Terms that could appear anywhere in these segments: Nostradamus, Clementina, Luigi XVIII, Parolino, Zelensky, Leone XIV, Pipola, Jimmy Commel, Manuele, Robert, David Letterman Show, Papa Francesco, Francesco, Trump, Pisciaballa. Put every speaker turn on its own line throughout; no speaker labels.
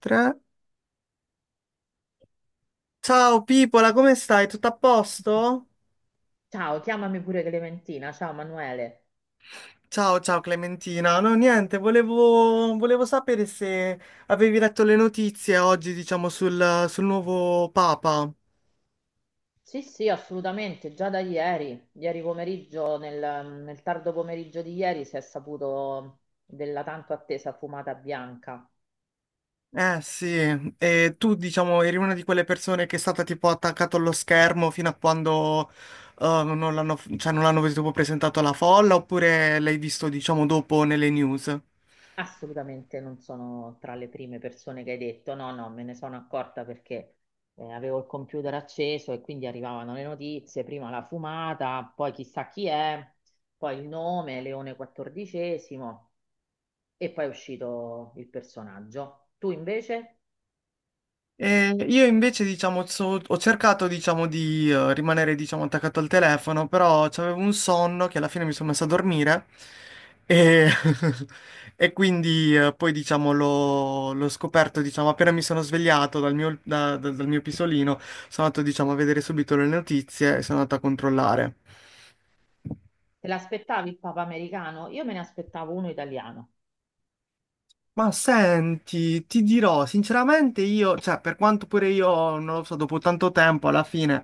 Tre. Ciao Pipola, come stai? Tutto a posto?
Ciao, chiamami pure Clementina. Ciao Manuele.
Ciao, ciao Clementina. No, niente, volevo sapere se avevi letto le notizie oggi, diciamo, sul nuovo Papa.
Sì, sì, assolutamente, già da ieri, ieri pomeriggio, nel tardo pomeriggio di ieri si è saputo della tanto attesa fumata bianca.
Eh sì, e tu, diciamo, eri una di quelle persone che è stata tipo attaccata allo schermo fino a quando non l'hanno, cioè, non l'hanno tipo presentato alla folla, oppure l'hai visto, diciamo, dopo nelle news?
Assolutamente non sono tra le prime persone che hai detto, no, no, me ne sono accorta perché avevo il computer acceso e quindi arrivavano le notizie, prima la fumata, poi chissà chi è, poi il nome, Leone XIV e poi è uscito il personaggio. Tu invece?
E io invece, diciamo, ho cercato, diciamo, di rimanere, diciamo, attaccato al telefono, però avevo un sonno che alla fine mi sono messo a dormire e, e quindi poi, diciamo, l'ho scoperto, diciamo, appena mi sono svegliato dal mio, dal mio pisolino, sono andato, diciamo, a vedere subito le notizie e sono andato a controllare.
Te l'aspettavi il Papa americano? Io me ne aspettavo uno italiano.
Ma senti, ti dirò, sinceramente io, cioè, per quanto pure io, non lo so, dopo tanto tempo, alla fine,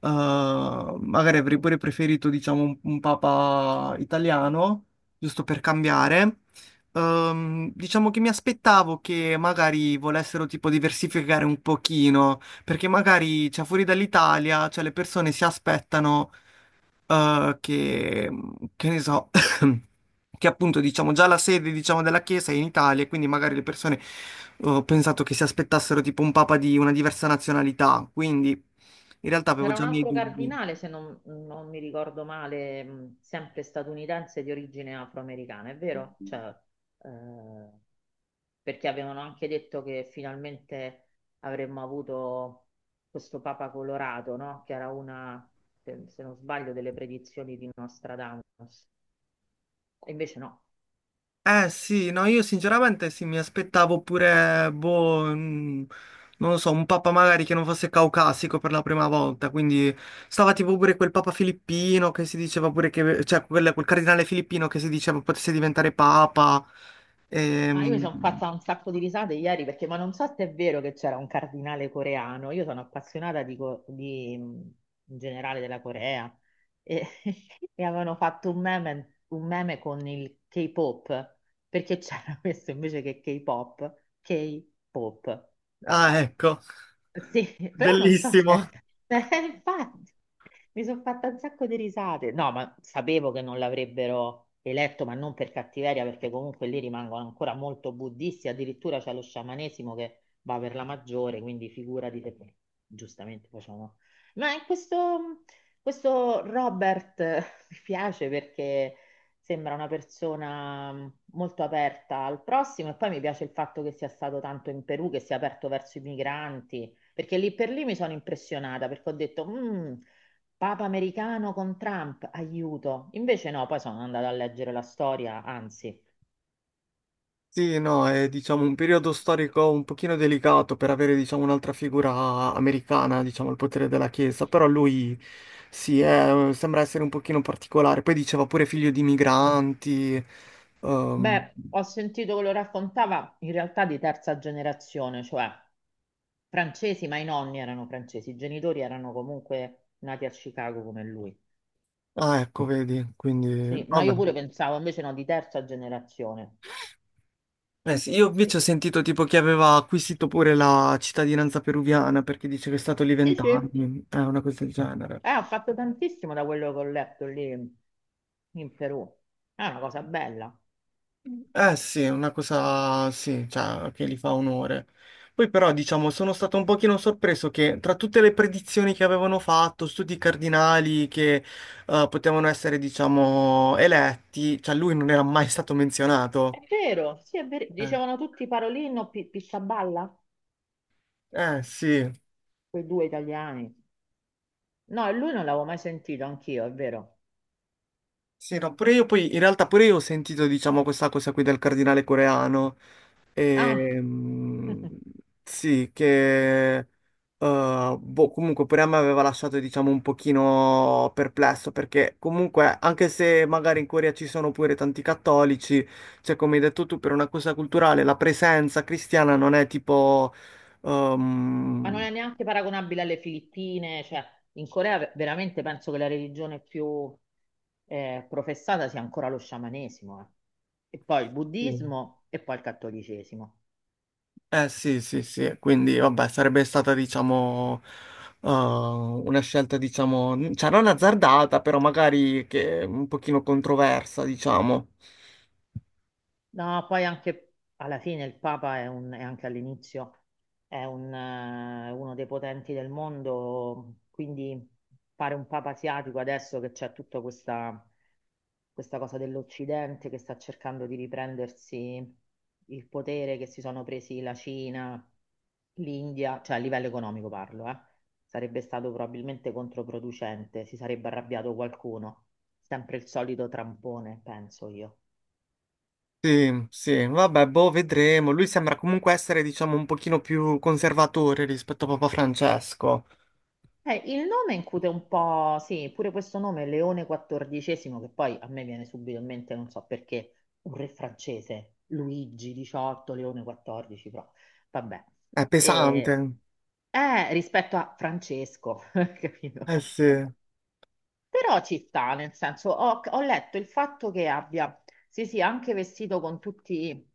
magari avrei pure preferito, diciamo, un papa italiano, giusto per cambiare. Diciamo che mi aspettavo che magari volessero, tipo, diversificare un pochino, perché magari, cioè, fuori dall'Italia, cioè, le persone si aspettano eh, che, che ne so, che appunto diciamo già la sede diciamo, della Chiesa è in Italia, e quindi magari le persone ho pensato che si aspettassero tipo un papa di una diversa nazionalità, quindi in realtà avevo
C'era
già
un
i miei
altro
dubbi.
cardinale, se non mi ricordo male, sempre statunitense di origine afroamericana, è vero? Cioè, eh, perché avevano anche detto che finalmente avremmo avuto questo Papa colorato, no? Che era una, se non sbaglio, delle predizioni di Nostradamus. E invece no.
Eh sì, no, io sinceramente sì, mi aspettavo pure, boh, non lo so, un papa magari che non fosse caucasico per la prima volta, quindi stava tipo pure quel papa filippino che si diceva pure che, cioè quel cardinale filippino che si diceva potesse diventare papa.
Ah, io mi
Ehm,
sono fatta un sacco di risate ieri perché, ma non so se è vero che c'era un cardinale coreano. Io sono appassionata di, in generale della Corea e, e avevano fatto un meme con il K-pop, perché c'era questo invece che K-pop, K-pop,
ah,
papa.
ecco,
Sì, però non so se...
bellissimo.
Eh, infatti, mi sono fatta un sacco di risate. No, ma sapevo che non l'avrebbero eletto, ma non per cattiveria, perché comunque lì rimangono ancora molto buddisti, addirittura c'è lo sciamanesimo che va per la maggiore, quindi figurati se giustamente facciamo... Ma in questo... Questo Robert mi piace perché sembra una persona molto aperta al prossimo e poi mi piace il fatto che sia stato tanto in Perù, che sia aperto verso i migranti, perché lì per lì mi sono impressionata perché ho detto, "Mm, Papa americano con Trump, aiuto. Invece no, poi sono andata a leggere la storia, anzi,
Sì, no, è diciamo un periodo storico un pochino delicato per avere diciamo un'altra figura americana, diciamo il potere della Chiesa, però lui sì, eh sembra essere un pochino particolare. Poi diceva pure figlio di migranti, ehm,
beh, ho sentito che lo raccontava in realtà di terza generazione, cioè Francesi, ma i nonni erano francesi, i genitori erano comunque nati a Chicago come lui.
ah ecco, vedi, quindi
Sì, no,
vabbè.
io pure pensavo, invece no, di terza generazione.
Eh sì, io invece
Sì,
ho sentito tipo che aveva acquisito pure la cittadinanza peruviana perché dice che è stato lì
sì, sì.
vent'anni, è una cosa del genere.
Ho fatto tantissimo da quello che ho letto lì in Perù. È una cosa bella.
Eh sì, è una cosa sì, cioè, che gli fa onore. Poi però, diciamo, sono stato un pochino sorpreso che tra tutte le predizioni che avevano fatto, studi cardinali che potevano essere, diciamo, eletti, cioè lui non era mai stato
È
menzionato.
vero, sì, è vero.
Eh,
Dicevano tutti Parolino, Pisciaballa,
sì.
quei due italiani. No, e lui non l'avevo mai sentito, anch'io, è vero.
Sì, no, pure io poi, in realtà pure io ho sentito, diciamo, questa cosa qui del cardinale coreano,
Ah,
Ehm, sì, che boh, comunque pure a me aveva lasciato, diciamo, un pochino perplesso, perché comunque, anche se magari in Corea ci sono pure tanti cattolici, cioè come hai detto tu, per una cosa culturale, la presenza cristiana non è tipo...
Ma non
ehm,
è neanche paragonabile alle Filippine, cioè in Corea veramente penso che la religione più professata sia ancora lo sciamanesimo, eh. E poi il
sì.
buddismo e poi il cattolicesimo.
Eh sì, sì, sì, quindi vabbè, sarebbe stata diciamo una scelta diciamo, cioè non azzardata, però magari che è un pochino controversa, diciamo.
No, poi anche alla fine il Papa è anche all'inizio uno dei potenti del mondo, quindi fare un Papa asiatico adesso che c'è tutta questa cosa dell'Occidente che sta cercando di riprendersi il potere che si sono presi la Cina, l'India, cioè a livello economico parlo, eh. Sarebbe stato probabilmente controproducente, si sarebbe arrabbiato qualcuno. Sempre il solito trampone, penso io.
Sì, sì, vabbè, boh, vedremo. Lui sembra comunque essere diciamo un pochino più conservatore rispetto a Papa Francesco.
Il nome incute un po', sì, pure questo nome, Leone XIV, che poi a me viene subito in mente, non so perché, un re francese, Luigi XVIII, Leone XIV, però vabbè.
È
E
pesante.
rispetto a Francesco, capito?
Eh sì.
Però ci sta, nel senso, ho letto il fatto che abbia, sì, sì, anche vestito con tutti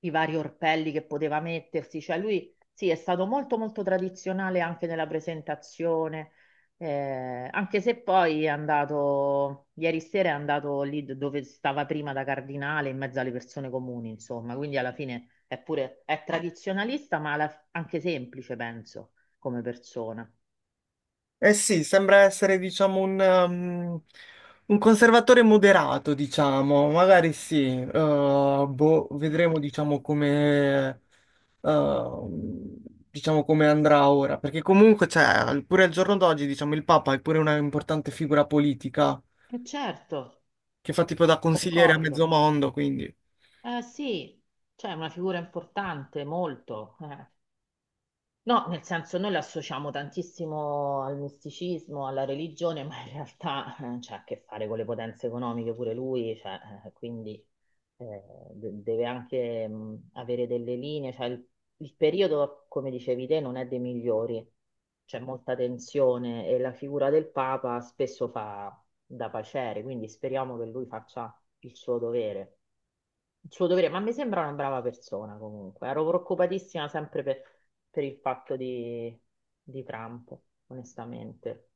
i vari orpelli che poteva mettersi, cioè lui, sì, è stato molto, molto tradizionale anche nella presentazione, anche se poi ieri sera è andato lì dove stava prima da cardinale, in mezzo alle persone comuni, insomma, quindi alla fine è tradizionalista, ma anche semplice, penso, come persona.
Eh sì, sembra essere, diciamo, un, un conservatore moderato, diciamo, magari sì, boh, vedremo, eh, diciamo, come andrà ora, perché comunque, cioè, pure al giorno d'oggi, diciamo, il Papa è pure una importante figura politica
E certo,
che fa tipo da consigliere a
concordo.
mezzo mondo, quindi...
Eh sì, cioè è una figura importante, molto. Eh. No, nel senso noi lo associamo tantissimo al misticismo, alla religione, ma in realtà c'ha a che fare con le potenze economiche pure lui, cioè, quindi eh, deve anche avere delle linee, cioè il periodo, come dicevi te, non è dei migliori, c'è molta tensione e la figura del Papa spesso fa da pacere, quindi speriamo che lui faccia il suo dovere il suo dovere, ma mi sembra una brava persona comunque. Ero preoccupatissima sempre per il fatto di Trump, onestamente.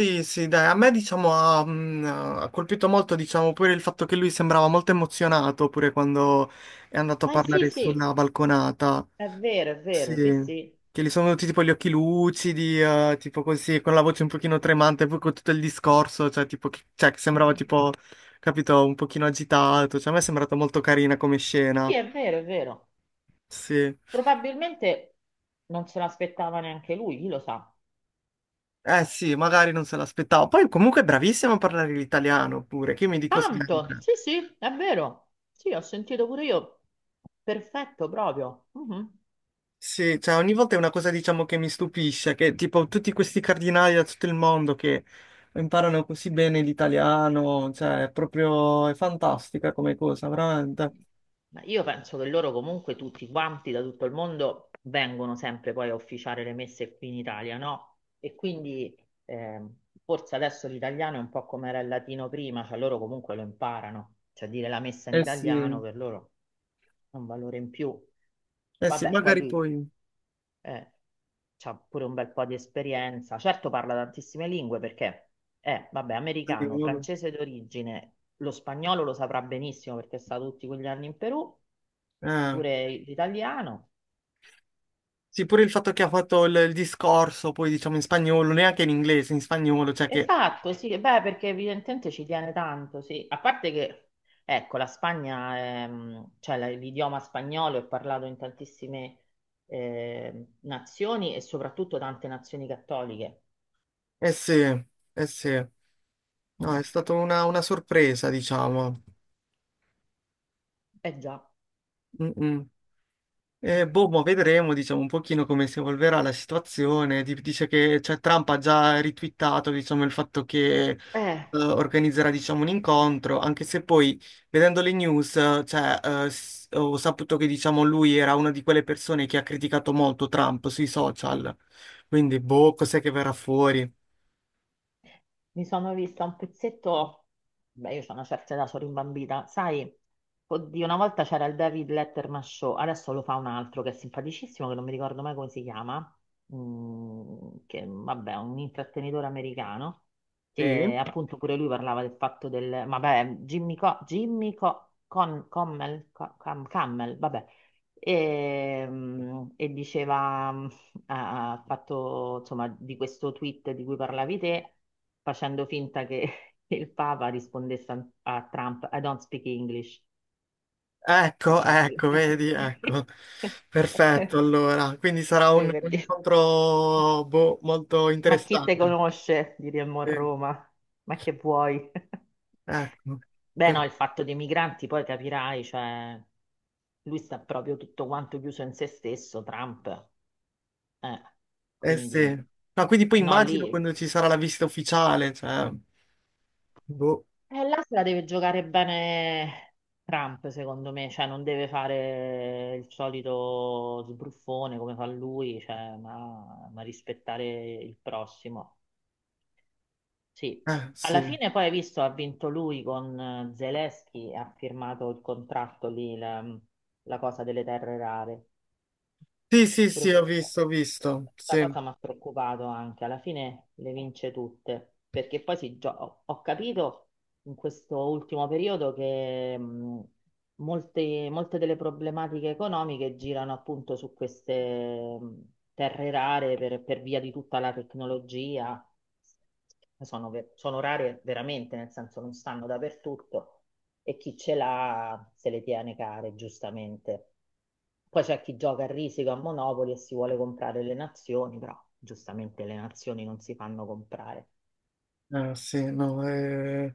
Sì, sì, dai, a me diciamo ha, ha colpito molto, diciamo, pure il fatto che lui sembrava molto emozionato pure quando è andato a
Eh sì,
parlare
sì,
sulla balconata.
è
Sì,
vero, sì, sì.
che gli sono venuti tipo gli occhi lucidi, tipo così, con la voce un pochino tremante, poi con tutto il discorso, cioè tipo, cioè, che
Sì,
sembrava tipo, capito, un pochino agitato, cioè a me è sembrata molto carina come scena,
è vero, è vero.
sì.
Probabilmente non se l'aspettava neanche lui, chi lo sa.
Eh sì, magari non se l'aspettavo, poi comunque è bravissimo a parlare l'italiano pure, che io mi dico
Tanto,
sempre.
sì, sì, è vero. Sì, ho sentito pure io. Perfetto, proprio. Mhm.
Sì, cioè ogni volta è una cosa diciamo che mi stupisce, che tipo tutti questi cardinali da tutto il mondo che imparano così bene l'italiano, cioè è fantastica come cosa, veramente.
Ma io penso che loro comunque tutti quanti da tutto il mondo vengono sempre poi a officiare le messe qui in Italia, no? E quindi eh, forse adesso l'italiano è un po' come era il latino prima, cioè loro comunque lo imparano, cioè dire la messa in
Eh sì,
italiano per loro è un valore in più.
eh sì,
Vabbè, poi
magari
lui
poi
eh, ha pure un bel po' di esperienza, certo parla tantissime lingue perché è, vabbè, americano,
spagnolo.
francese d'origine, lo spagnolo lo saprà benissimo perché sta tutti quegli anni in Perù,
Eh.
pure l'italiano.
Sì, pure il fatto che ha fatto il discorso, poi diciamo in spagnolo, neanche in inglese, in spagnolo, cioè che...
Esatto, sì, beh, perché evidentemente ci tiene tanto, sì. A parte che, ecco, la Spagna, cioè l'idioma spagnolo è parlato in tantissime nazioni e soprattutto tante nazioni cattoliche.
Eh sì, eh sì. No, è
Mm.
stata una sorpresa, diciamo.
Eh già.
Mm, mm. Boh, ma vedremo, diciamo, un pochino come si evolverà la situazione. Dice che cioè, Trump ha già ritwittato, diciamo, il fatto che
Eh.
organizzerà, diciamo, un incontro, anche se poi, vedendo le news, ho saputo che, diciamo, lui era una di quelle persone che ha criticato molto Trump sui social. Quindi, boh, cos'è che verrà fuori?
Mi sono vista un pezzetto, beh, io ho una certa età, sono rimbambita, sai, oddio, una volta c'era il David Letterman Show, adesso lo fa un altro che è simpaticissimo, che non mi ricordo mai come si chiama, mm, che vabbè, è un intrattenitore americano,
Sì.
che appunto pure lui parlava del fatto del, vabbè, Jimmy Commel, Cammel, vabbè, e diceva... ha fatto insomma di questo tweet di cui parlavi te, facendo finta che il Papa rispondesse a, Trump: I don't speak English.
Ecco,
Cioè,
ecco, vedi, ecco.
eh,
Perfetto, allora. Quindi sarà
per
un
dire,
incontro, boh, molto
ma chi te
interessante.
conosce? Diremmo a
Sì.
Roma. Ma che vuoi?
Ecco,
Beh, no,
per-
il fatto dei migranti, poi capirai, cioè, lui sta proprio tutto quanto chiuso in se stesso, Trump. Eh,
eh sì.
quindi,
No, quindi poi
no,
immagino
lì.
quando ci sarà la visita ufficiale, cioè, boh,
Là se la deve giocare bene Trump, secondo me, cioè non deve fare il solito sbruffone come fa lui, cioè, ma rispettare il prossimo. Sì,
eh
alla
sì.
fine poi hai visto, ha vinto lui con Zelensky, e ha firmato il contratto lì, la cosa delle terre rare.
Sì, sì,
Pure
sì,
questa
ho visto,
questa
sì.
cosa mi ha preoccupato anche, alla fine le vince tutte, perché poi ho capito in questo ultimo periodo che molte, molte delle problematiche economiche girano appunto su queste terre rare per via di tutta la tecnologia, sono rare veramente, nel senso non stanno dappertutto e chi ce l'ha se le tiene care, giustamente. Poi c'è chi gioca a risico a Monopoli e si vuole comprare le nazioni, però giustamente le nazioni non si fanno comprare.
Sì, no,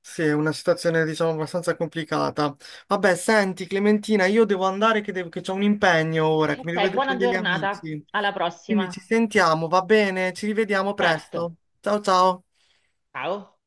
sì, è una situazione, diciamo, abbastanza complicata. Vabbè, senti, Clementina, io devo andare che, che c'ho un impegno ora, che mi devo
Ok,
vedere
buona
con degli
giornata,
amici,
alla
quindi
prossima.
ci sentiamo, va bene? Ci rivediamo
Certo,
presto. Ciao, ciao.
ciao.